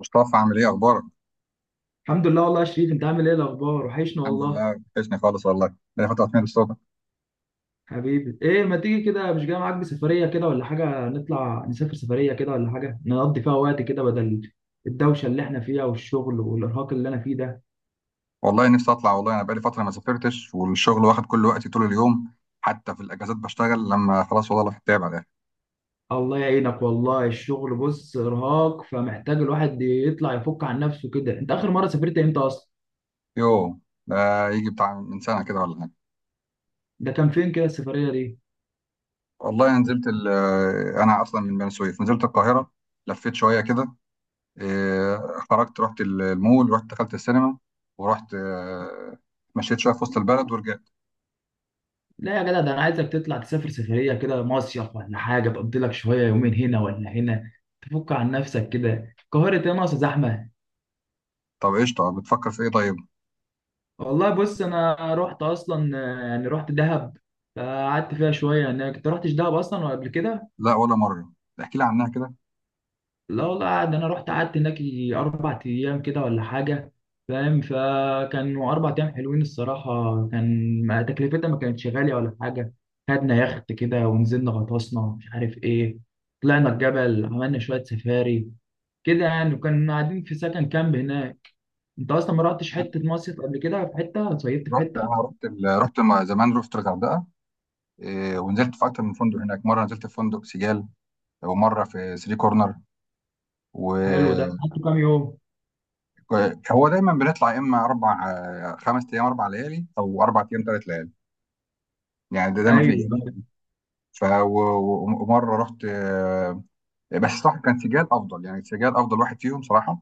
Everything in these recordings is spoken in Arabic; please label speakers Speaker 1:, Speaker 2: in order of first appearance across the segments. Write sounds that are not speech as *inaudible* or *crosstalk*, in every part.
Speaker 1: مصطفى، عامل ايه؟ اخبارك؟
Speaker 2: الحمد لله، والله يا شريف، انت عامل ايه الاخبار؟ وحشنا
Speaker 1: الحمد
Speaker 2: والله.
Speaker 1: لله، وحشني خالص والله، بقالي فتره طويله الصوت.
Speaker 2: حبيبي، ايه ما تيجي كده؟ مش جاي معاك بسفريه كده ولا حاجه، نطلع نسافر سفريه كده ولا حاجه، نقضي فيها وقت كده بدل الدوشه اللي احنا فيها والشغل والارهاق اللي انا فيه ده.
Speaker 1: والله نفسي اطلع. والله انا بقالي فتره ما سافرتش، والشغل واخد كل وقتي طول اليوم. حتى في الاجازات بشتغل، لما خلاص والله الواحد تعب على الاخر.
Speaker 2: الله يعينك، والله الشغل بص ارهاق، فمحتاج الواحد يطلع يفك عن نفسه كده. انت اخر مره سافرت امتى اصلا؟
Speaker 1: يوه، ده يجي بتاع من سنه كده ولا حاجه.
Speaker 2: ده كان فين كده السفريه دي؟
Speaker 1: والله انا اصلا من بني سويف، نزلت القاهره، لفيت شويه كده. إيه، خرجت، رحت المول، دخلت السينما، ورحت، مشيت شويه في وسط البلد ورجعت.
Speaker 2: لا يا جدع، ده انا عايزك تطلع تسافر سفريه كده، مصيف ولا حاجه، تقضي لك شويه يومين هنا ولا هنا، تفك عن نفسك كده. القاهره ايه؟ ناقصه زحمه؟
Speaker 1: طب قشطه، بتفكر في ايه؟ طيب.
Speaker 2: والله بص، انا رحت اصلا يعني رحت دهب. فقعدت فيها شويه. يعني كنت رحتش دهب اصلا ولا قبل كده؟
Speaker 1: لا، ولا مره. احكي لي عنها كده.
Speaker 2: لا والله، انا رحت قعدت هناك يجي اربع ايام كده ولا حاجه. فاهم؟ فكانوا اربع ايام حلوين الصراحه. كان تكلفتها ما كانتش غاليه ولا حاجه. خدنا يخت كده ونزلنا غطسنا، مش عارف ايه. طلعنا الجبل، عملنا شويه سفاري كده يعني، وكنا قاعدين في سكن كامب هناك. انت اصلا ما رحتش حته مصيف قبل كده؟ في حته صيفت في حته؟
Speaker 1: رحت مع زمان، رحت الغردقه. ونزلت في اكتر من فندق هناك، مره نزلت في فندق سيجال، ومره في ثري كورنر.
Speaker 2: حلو ده،
Speaker 1: و
Speaker 2: قعدت كام يوم؟
Speaker 1: هو دايما بنطلع يا اما اربع، خمس ايام، اربع ليالي، او اربع ايام، ثلاث ليالي، يعني ده دايما في.
Speaker 2: ايوه.
Speaker 1: ف و- ومره رحت، بس صح كان سيجال افضل، يعني سيجال افضل واحد فيهم صراحه.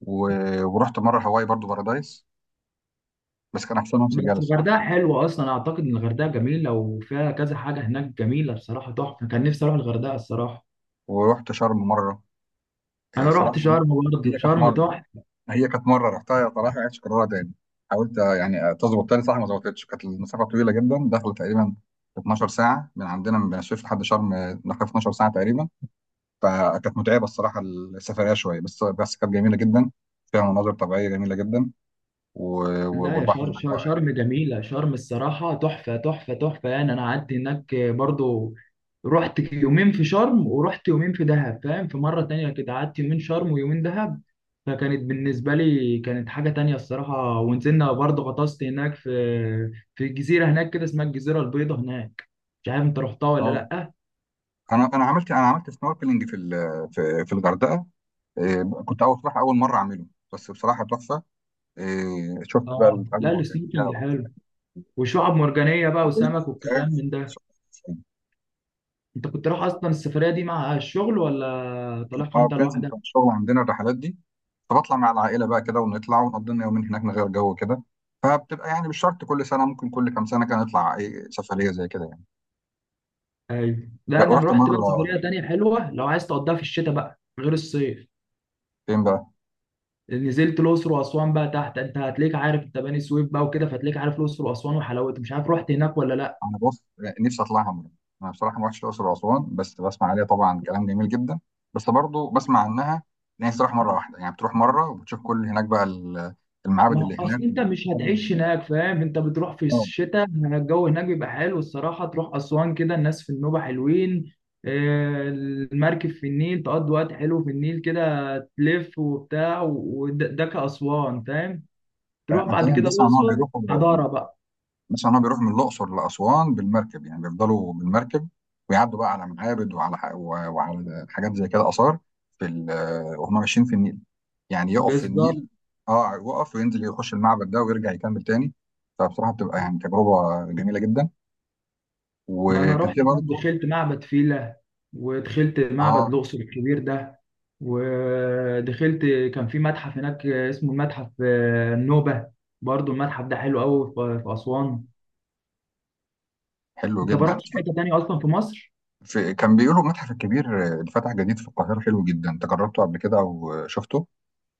Speaker 1: ورحت مره هواي برضو بارادايس، بس كان احسنهم سيجال
Speaker 2: بس
Speaker 1: الصراحه.
Speaker 2: الغردقه حلوه اصلا، اعتقد ان الغردقه جميله وفيها كذا حاجه هناك جميله بصراحه تحفه. كان نفسي اروح الغردقه الصراحه.
Speaker 1: ورحت شرم مره.
Speaker 2: انا
Speaker 1: صراحه
Speaker 2: رحت
Speaker 1: يعني،
Speaker 2: شرم برضه،
Speaker 1: هي كانت
Speaker 2: شرم
Speaker 1: مره
Speaker 2: تحفه.
Speaker 1: هي كانت مره رحتها صراحه، عايش كررها تاني. حاولت، يعني تظبط تاني، صح ما ظبطتش. كانت المسافه طويله جدا، داخله تقريبا 12 ساعه من عندنا، من الشيخ لحد شرم، داخله في 12 ساعه تقريبا. فكانت متعبه الصراحه، السفريه شويه، بس كانت جميله جدا. فيها مناظر طبيعيه جميله جدا. و...
Speaker 2: لا، يا
Speaker 1: والبحر
Speaker 2: شرم
Speaker 1: هناك
Speaker 2: شرم
Speaker 1: رائع.
Speaker 2: شرم جميلة، شرم الصراحة تحفة تحفة تحفة يعني، أنا قعدت هناك برضو. رحت يومين في شرم ورحت يومين في دهب، فاهم؟ في مرة تانية كده قعدت يومين شرم ويومين دهب. فكانت بالنسبة لي كانت حاجة تانية الصراحة، ونزلنا برضو غطست هناك في جزيرة هناك كده اسمها الجزيرة البيضاء هناك. مش عارف أنت رحتها ولا
Speaker 1: اه،
Speaker 2: لأ؟
Speaker 1: انا عملت سنوركلينج في ال... في في الغردقه. كنت اول صراحه، اول مره اعمله، بس بصراحه تحفه. شفت بقى
Speaker 2: آه،
Speaker 1: الاماكن
Speaker 2: لا،
Speaker 1: المرجانيه
Speaker 2: السنوركلينج حلو.
Speaker 1: والأسماك
Speaker 2: وشعب مرجانية بقى وسمك
Speaker 1: والبتاع.
Speaker 2: والكلام من ده. أنت كنت رايح أصلا السفرية دي مع الشغل ولا طالعها
Speaker 1: اه،
Speaker 2: أنت
Speaker 1: بتنزل
Speaker 2: لوحدك؟
Speaker 1: بتاع الشغل عندنا الرحلات دي، فبطلع مع العائله بقى كده، ونطلع ونقضي لنا يومين هناك، نغير جو كده. فبتبقى يعني مش شرط كل سنه، ممكن كل كام سنه كده نطلع اي سفريه زي كده يعني.
Speaker 2: ايوه. لا، انا
Speaker 1: ورحت
Speaker 2: رحت بقى
Speaker 1: مره،
Speaker 2: سفريه تانية حلوه لو عايز تقضيها في الشتاء بقى غير الصيف.
Speaker 1: فين بقى؟
Speaker 2: نزلت الاقصر واسوان بقى تحت، انت هتلاقيك عارف، انت بني سويف بقى وكده، فهتلاقيك عارف الاقصر واسوان وحلاوتها، مش عارف رحت هناك ولا لا؟
Speaker 1: انا بص، نفسي اطلعها مره. انا بصراحه ما رحتش الاقصر واسوان، بس بسمع عليها طبعا كلام جميل جدا، بس برضو بسمع عنها، ان هي تروح مره واحده يعني، بتروح مره وبتشوف كل هناك بقى المعابد
Speaker 2: ما
Speaker 1: اللي
Speaker 2: هو اصل
Speaker 1: هناك
Speaker 2: انت مش
Speaker 1: والحاجات اللي
Speaker 2: هتعيش
Speaker 1: هناك.
Speaker 2: هناك، فاهم، انت بتروح في
Speaker 1: اه،
Speaker 2: الشتاء الجو هناك بيبقى حلو الصراحه، تروح اسوان كده الناس في النوبه حلوين. المركب في النيل، تقضي وقت حلو في النيل كده. تلف وبتاع، وده كاسوان فاهم. تروح بعد
Speaker 1: هتلاقيهم،
Speaker 2: كده
Speaker 1: بسمع ان هو
Speaker 2: الاقصر.
Speaker 1: بيروحوا
Speaker 2: حضاره بقى.
Speaker 1: مثلا، هو بيروح من الاقصر لاسوان بالمركب، يعني بيفضلوا بالمركب، ويعدوا بقى على معابد وعلى وعلى حاجات زي كده، اثار وهم ماشيين في النيل، يعني يقف في
Speaker 2: بالظبط،
Speaker 1: النيل. اه، يقف وينزل يخش المعبد ده ويرجع يكمل تاني، فبصراحه بتبقى يعني تجربه جميله جدا.
Speaker 2: ما انا
Speaker 1: وكان
Speaker 2: رحت
Speaker 1: في
Speaker 2: هناك
Speaker 1: برضه،
Speaker 2: دخلت معبد فيلة. ودخلت معبد
Speaker 1: اه
Speaker 2: الاقصر الكبير ده. ودخلت كان في متحف هناك اسمه المتحف النوبة. برضو المتحف ده حلو قوي في اسوان.
Speaker 1: حلو
Speaker 2: انت ما
Speaker 1: جدا،
Speaker 2: رحتش حته تانية اصلا في مصر؟
Speaker 1: في كان بيقولوا المتحف الكبير اللي فتح جديد في القاهره حلو جدا، انت جربته قبل كده او شفته؟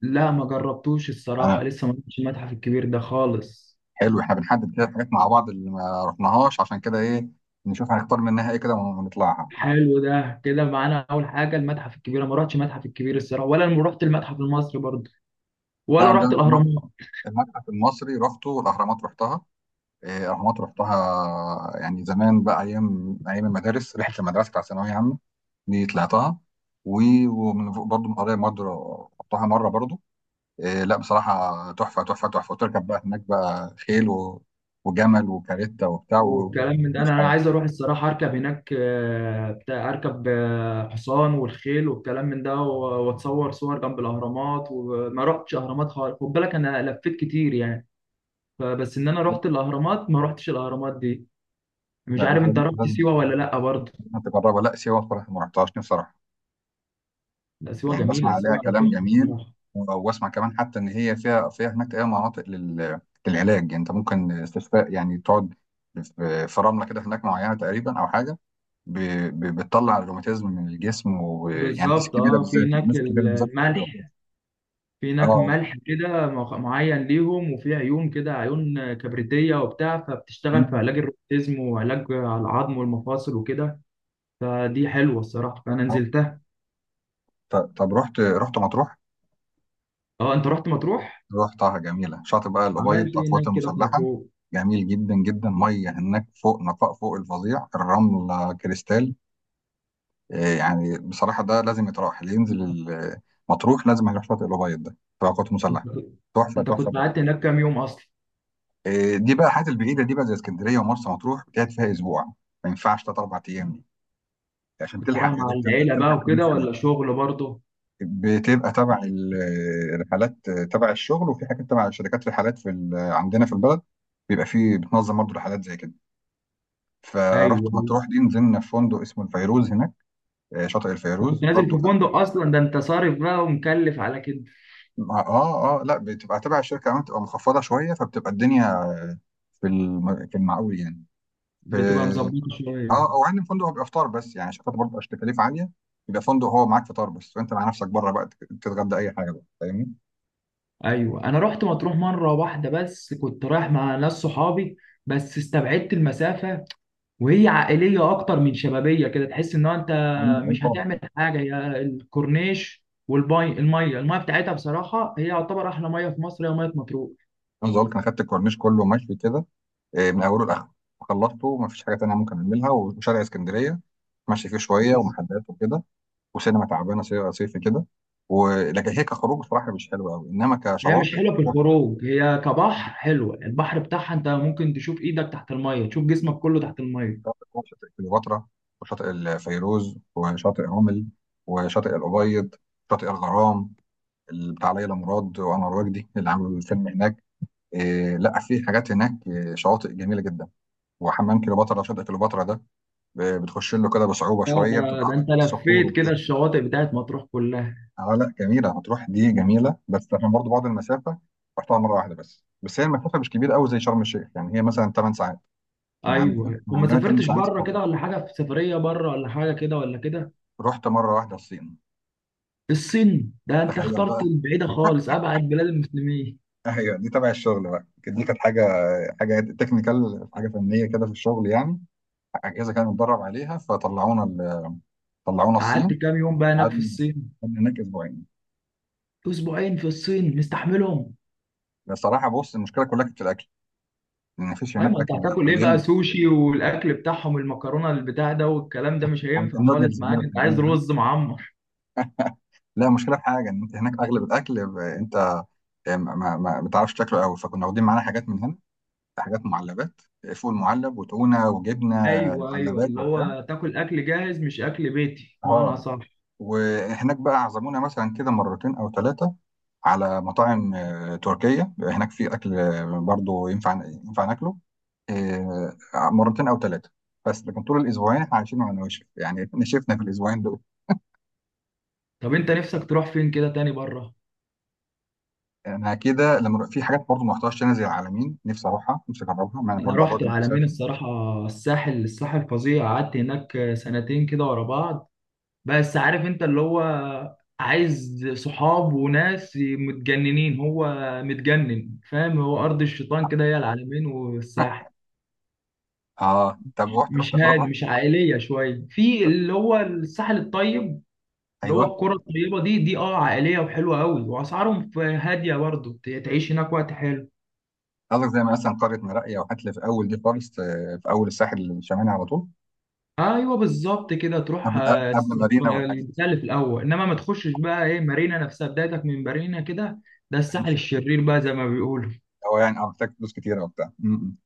Speaker 2: لا، ما جربتوش الصراحه، لسه ما رحتش المتحف الكبير ده خالص.
Speaker 1: حلو، احنا بنحدد كده حاجات مع بعض اللي ما رحناهاش، عشان كده ايه نشوف هنختار منها ايه كده ونطلعها.
Speaker 2: حلو، ده كده معانا اول حاجه المتحف الكبير، أنا ما رحتش المتحف الكبير الصراحه، ولا رحت المتحف المصري برضو.
Speaker 1: لا،
Speaker 2: ولا رحت
Speaker 1: عندنا
Speaker 2: الاهرامات.
Speaker 1: المتحف المصري رحته، والاهرامات رحتها. الاهرامات رحتها يعني زمان بقى، ايام، ايام المدارس، رحله المدرسه بتاع ثانويه عامه، دي طلعتها. و- ومن فوق برضه، من قريه برضه، رحتها مره برضه. لا بصراحه تحفه تحفه تحفه، وتركب بقى هناك بقى خيل وجمل وكاريتا وبتاع،
Speaker 2: والكلام من ده،
Speaker 1: ومفيش
Speaker 2: انا
Speaker 1: حاجه.
Speaker 2: عايز اروح الصراحه اركب هناك بتاع، اركب حصان والخيل والكلام من ده، واتصور صور جنب الاهرامات، وما رحتش اهرامات خالص، خد بالك انا لفيت كتير يعني. فبس ان انا رحت الاهرامات، ما رحتش الاهرامات دي.
Speaker 1: لا
Speaker 2: مش عارف
Speaker 1: لا،
Speaker 2: انت رحت
Speaker 1: لازم
Speaker 2: سيوه ولا لا برضه؟
Speaker 1: لازم تجربها. لا سيوه بصراحه ما رحتهاش، نفسي،
Speaker 2: لا، سيوه
Speaker 1: يعني بسمع
Speaker 2: جميله،
Speaker 1: عليها
Speaker 2: سيوه
Speaker 1: كلام
Speaker 2: تحفه
Speaker 1: جميل.
Speaker 2: الصراحه.
Speaker 1: واسمع كمان، حتى ان هي فيها هناك اي مناطق للعلاج يعني، انت ممكن استشفاء يعني، تقعد في رمله كده هناك معينه تقريبا، او حاجه بتطلع الروماتيزم من الجسم، ويعني الناس
Speaker 2: بالظبط،
Speaker 1: الكبيره
Speaker 2: اه، في
Speaker 1: بالذات، يعني
Speaker 2: هناك
Speaker 1: الناس الكبيره بالذات بتبقى كده.
Speaker 2: الملح. في هناك
Speaker 1: اه.
Speaker 2: ملح كده معين ليهم، وفي عيون كده عيون كبريتية وبتاع، فبتشتغل في
Speaker 1: أمم.
Speaker 2: علاج الروماتيزم وعلاج على العظم والمفاصل وكده. فدي حلوة الصراحة، فأنا
Speaker 1: آه.
Speaker 2: نزلتها.
Speaker 1: طب رحت، مطروح؟
Speaker 2: اه، انت رحت مطروح؟
Speaker 1: رحتها جميله، شاطئ بقى الابيض
Speaker 2: عملت ايه
Speaker 1: القوات
Speaker 2: هناك كده في
Speaker 1: المسلحه،
Speaker 2: مطروح؟
Speaker 1: جميل جدا جدا، ميه هناك فوق نقاء فوق الفظيع، الرمله كريستال. يعني بصراحة ده لازم يتراح، اللي ينزل مطروح لازم هيروح شاطئ الأبيض ده، في قوات مسلحة،
Speaker 2: انت كنت
Speaker 1: تحفة
Speaker 2: انت
Speaker 1: تحفة
Speaker 2: كنت
Speaker 1: تحفة.
Speaker 2: قعدت هناك كام يوم اصلا؟
Speaker 1: دي بقى الحاجات البعيدة دي، بقى زي اسكندرية ومرسى مطروح، بتقعد فيها أسبوع، ما ينفعش تلات أربع أيام دي، عشان
Speaker 2: كنت
Speaker 1: تلحق
Speaker 2: رايح
Speaker 1: يا
Speaker 2: مع
Speaker 1: دوب
Speaker 2: العيلة بقى
Speaker 1: تلحق تلف
Speaker 2: وكده، ولا
Speaker 1: يعني.
Speaker 2: شغل برضه؟
Speaker 1: بتبقى تبع الرحلات، تبع الشغل، وفي حاجات تبع شركات رحلات عندنا في البلد، بيبقى فيه، بتنظم برضه رحلات زي كده. فرحت
Speaker 2: ايوه.
Speaker 1: مطروح دي، نزلنا في فندق اسمه الفيروز هناك، شاطئ
Speaker 2: أنت كنت
Speaker 1: الفيروز
Speaker 2: نازل
Speaker 1: برضه.
Speaker 2: في فندق اصلا، ده انت صارف بقى ومكلف على كده؟
Speaker 1: اه اه، لا بتبقى تبع الشركه، كمان بتبقى مخفضه شويه، فبتبقى الدنيا في المعقول يعني. في
Speaker 2: بتبقى مظبطة شوية.
Speaker 1: اه، او عندي فندق هو بيبقى فطار بس، يعني شركات برضه عشان تكاليف عاليه، يبقى فندق هو معاك فطار بس، فانت مع نفسك بره بقى تتغدى اي حاجه بقى، فاهمني؟
Speaker 2: ايوه، انا رحت مطروح مره واحده بس، كنت رايح مع ناس صحابي. بس استبعدت المسافه. وهي عائليه اكتر من شبابيه كده، تحس ان هو انت
Speaker 1: عندي، اي
Speaker 2: مش هتعمل
Speaker 1: طبعا.
Speaker 2: حاجه، هي الكورنيش والميه، الميه الميه بتاعتها بصراحه، هي يعتبر احلى ميه في مصر، هي ميه مطروح.
Speaker 1: عاوز اقول لك، انا خدت الكورنيش كله مشوي كده، من اوله لاخره، خلصته، ما فيش حاجه تانيه ممكن اعملها، وشارع اسكندريه ماشي فيه شويه
Speaker 2: بز-
Speaker 1: ومحلات وكده، وسينما تعبانه صيفي كده. ولكن هي كخروج صراحه مش حلوه قوي، انما
Speaker 2: هي مش
Speaker 1: كشواطئ،
Speaker 2: حلوه في الخروج، هي كبحر حلوه، البحر بتاعها انت ممكن تشوف ايدك تحت الميه، تشوف جسمك كله تحت الميه.
Speaker 1: شاطئ كليوباترا وشاطئ الفيروز وشاطئ رمل وشاطئ الأبيض، شاطئ الغرام اللي بتاع ليلى مراد وأنور وجدي اللي عملوا الفيلم هناك. لا، في حاجات هناك، شواطئ جميلة جدا، وحمام كليوباترا، شاطئ كليوباترا ده بتخش له كده بصعوبة
Speaker 2: اه،
Speaker 1: شوية،
Speaker 2: ده
Speaker 1: بتبقى
Speaker 2: ده
Speaker 1: على
Speaker 2: انت
Speaker 1: الصخور
Speaker 2: لفيت كده
Speaker 1: وكده.
Speaker 2: الشواطئ بتاعت مطروح كلها؟
Speaker 1: اه لا، جميلة، هتروح دي جميلة، بس عشان برضه بعد المسافة، رحتها مرة واحدة بس، بس هي المسافة مش كبيرة قوي زي شرم الشيخ، يعني هي مثلا 8 ساعات، من عندنا
Speaker 2: ايوه،
Speaker 1: من
Speaker 2: وما
Speaker 1: عندنا 8
Speaker 2: سافرتش
Speaker 1: ساعات في
Speaker 2: بره
Speaker 1: القطر.
Speaker 2: كده ولا حاجه، في سفريه بره ولا حاجه كده ولا كده؟
Speaker 1: رحت مرة واحدة الصين،
Speaker 2: الصين؟ ده انت
Speaker 1: تخيل
Speaker 2: اخترت
Speaker 1: بقى.
Speaker 2: البعيده خالص، ابعد بلاد المسلمين.
Speaker 1: ايوه، دي تبع الشغل بقى، دي كانت حاجه تكنيكال، حاجه فنيه كده في الشغل يعني، اجهزه كانت متدرب عليها، طلعونا
Speaker 2: قعدت
Speaker 1: الصين.
Speaker 2: كام يوم بقى هناك في
Speaker 1: قعدنا
Speaker 2: الصين؟
Speaker 1: قعدنا هناك اسبوعين.
Speaker 2: اسبوعين في الصين، مستحملهم؟
Speaker 1: بصراحه بص، المشكله كلها كانت في الاكل، ان مفيش
Speaker 2: ايوه، ما
Speaker 1: هناك
Speaker 2: انت
Speaker 1: اكل
Speaker 2: هتاكل ايه بقى،
Speaker 1: حلال،
Speaker 2: سوشي والاكل بتاعهم المكرونه البتاع ده والكلام ده مش هينفع
Speaker 1: النودلز
Speaker 2: خالص
Speaker 1: دي
Speaker 2: معاك، انت
Speaker 1: والحاجات
Speaker 2: عايز
Speaker 1: دي.
Speaker 2: رز معمر.
Speaker 1: لا، مشكله في حاجه، ان انت هناك اغلب الاكل انت يعني ما بتعرفش تاكله قوي، فكنا واخدين معانا حاجات من هنا، حاجات معلبات، فول معلب وتونه وجبنه،
Speaker 2: ايوه، ايوه،
Speaker 1: معلبات
Speaker 2: اللي
Speaker 1: وبتاع.
Speaker 2: هو تاكل اكل جاهز مش اكل بيتي، معنى
Speaker 1: اه،
Speaker 2: صح.
Speaker 1: وهناك بقى عزمونا مثلا كده مرتين او ثلاثه على مطاعم تركية، هناك في أكل، برضو ينفع ينفع ناكله، آه، مرتين أو ثلاثة، بس لكن طول الأسبوعين احنا عايشين على نواشف يعني *laughs* نشفنا في الأسبوعين دول.
Speaker 2: طب انت نفسك تروح فين كده تاني بره؟
Speaker 1: أنا كده، لما في حاجات برضو ما رحتهاش هنا زي العالمين، نفسي أروحها، نفسي أجربها، مع إن
Speaker 2: انا
Speaker 1: برضو على بعد
Speaker 2: رحت العلمين
Speaker 1: المسافة.
Speaker 2: الصراحه. الساحل الساحل فظيع، قعدت هناك سنتين كده ورا بعض. بس عارف انت اللي هو، عايز صحاب وناس متجننين، هو متجنن، فاهم، هو ارض الشيطان كده هي العلمين والساحل.
Speaker 1: آه، طب رحت رحت
Speaker 2: مش هادي
Speaker 1: رحت
Speaker 2: مش عائليه شويه، في اللي هو الساحل الطيب. اللي هو
Speaker 1: أيوه.
Speaker 2: القرى الطيبه دي اه عائليه وحلوه قوي، واسعارهم هاديه برضه. تعيش هناك وقت حلو.
Speaker 1: قصدك زي مثلا قرية مراقية وحتلة، في أول دي خالص، في أول الساحل الشمالي على طول،
Speaker 2: ايوه بالظبط، كده تروح
Speaker 1: قبل مارينا والحاجات دي.
Speaker 2: البتاع اللي في الاول، انما ما تخشش بقى ايه مارينا نفسها، بدايتك من مارينا كده. ده الساحل الشرير بقى زي ما بيقولوا.
Speaker 1: هو يعني اه محتاج فلوس كتيرة وبتاع. م- م.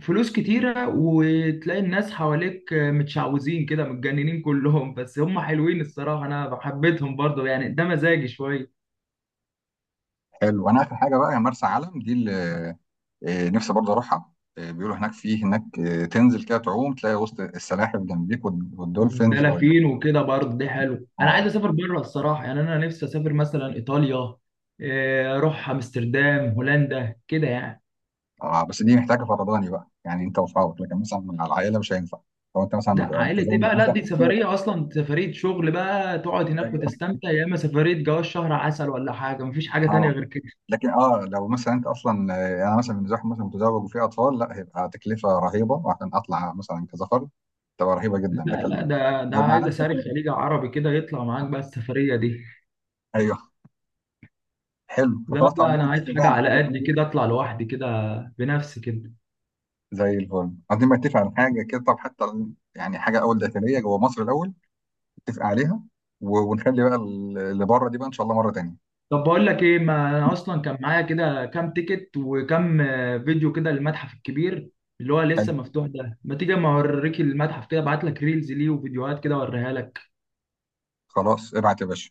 Speaker 2: فلوس كتيره، وتلاقي الناس حواليك متشعوذين كده متجننين كلهم، بس هم حلوين الصراحه، انا حبيتهم برضه يعني ده مزاجي شويه.
Speaker 1: حلو، انا اخر حاجه بقى، يا مرسى علم دي، نفسي برضه اروحها. بيقولوا هناك، في هناك، تنزل كده تعوم تلاقي وسط السلاحف جنبيك والدولفينز
Speaker 2: دلافين وكده برضه دي، حلو انا عايز
Speaker 1: اه
Speaker 2: اسافر بره الصراحه، يعني انا نفسي اسافر مثلا ايطاليا. اروح امستردام هولندا كده يعني.
Speaker 1: اه، بس دي محتاجه فرداني بقى، يعني انت وصحابك، لكن مثلا مع العائله مش هينفع، لو انت مثلا
Speaker 2: لا عائلة ايه
Speaker 1: متزوج
Speaker 2: بقى، لا
Speaker 1: مثلا
Speaker 2: دي
Speaker 1: كده.
Speaker 2: سفرية اصلا سفرية شغل بقى، تقعد هناك
Speaker 1: أيوة.
Speaker 2: وتستمتع، يا اما سفرية جواز شهر عسل ولا حاجة، مفيش حاجة تانية
Speaker 1: اه،
Speaker 2: غير كده.
Speaker 1: لكن اه لو مثلا انت اصلا، انا مثلا بالنسبه لي، مثلا متزوج وفي اطفال، لا هيبقى تكلفه رهيبه، وعشان اطلع مثلا كذا فرد تبقى رهيبه جدا.
Speaker 2: لا، لا،
Speaker 1: لكن
Speaker 2: ده
Speaker 1: لو مع
Speaker 2: عايز
Speaker 1: نفسك
Speaker 2: اسافر
Speaker 1: كده،
Speaker 2: خليج عربي كده يطلع معاك بقى السفرية دي.
Speaker 1: ايوه، حلو،
Speaker 2: لا،
Speaker 1: فخلاص
Speaker 2: لا،
Speaker 1: عاوزين
Speaker 2: انا
Speaker 1: نتفق
Speaker 2: عايز
Speaker 1: بقى
Speaker 2: حاجة
Speaker 1: على
Speaker 2: على
Speaker 1: حاجه،
Speaker 2: قد كده اطلع لوحدي كده. بنفسي كده.
Speaker 1: زي الفل، عايزين بقى نتفق على حاجه كده. طب حتى يعني حاجه اول داخليه جوه مصر الاول نتفق عليها، ونخلي بقى اللي بره دي بقى ان شاء الله مره تانيه.
Speaker 2: طب بقول لك ايه، ما انا اصلا كان معايا كده كام تيكت وكام فيديو كده للمتحف الكبير. اللي هو
Speaker 1: حلو،
Speaker 2: لسه مفتوح ده، ما تيجي اما اوريك المتحف كده، ابعت لك ريلز ليه وفيديوهات كده اوريها لك.
Speaker 1: خلاص ابعت يا باشا.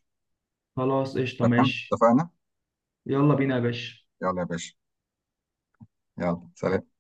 Speaker 2: خلاص، قشطة،
Speaker 1: تمام،
Speaker 2: ماشي.
Speaker 1: اتفقنا.
Speaker 2: يلا بينا يا باشا.
Speaker 1: يلا يا باشا. يلا سلام.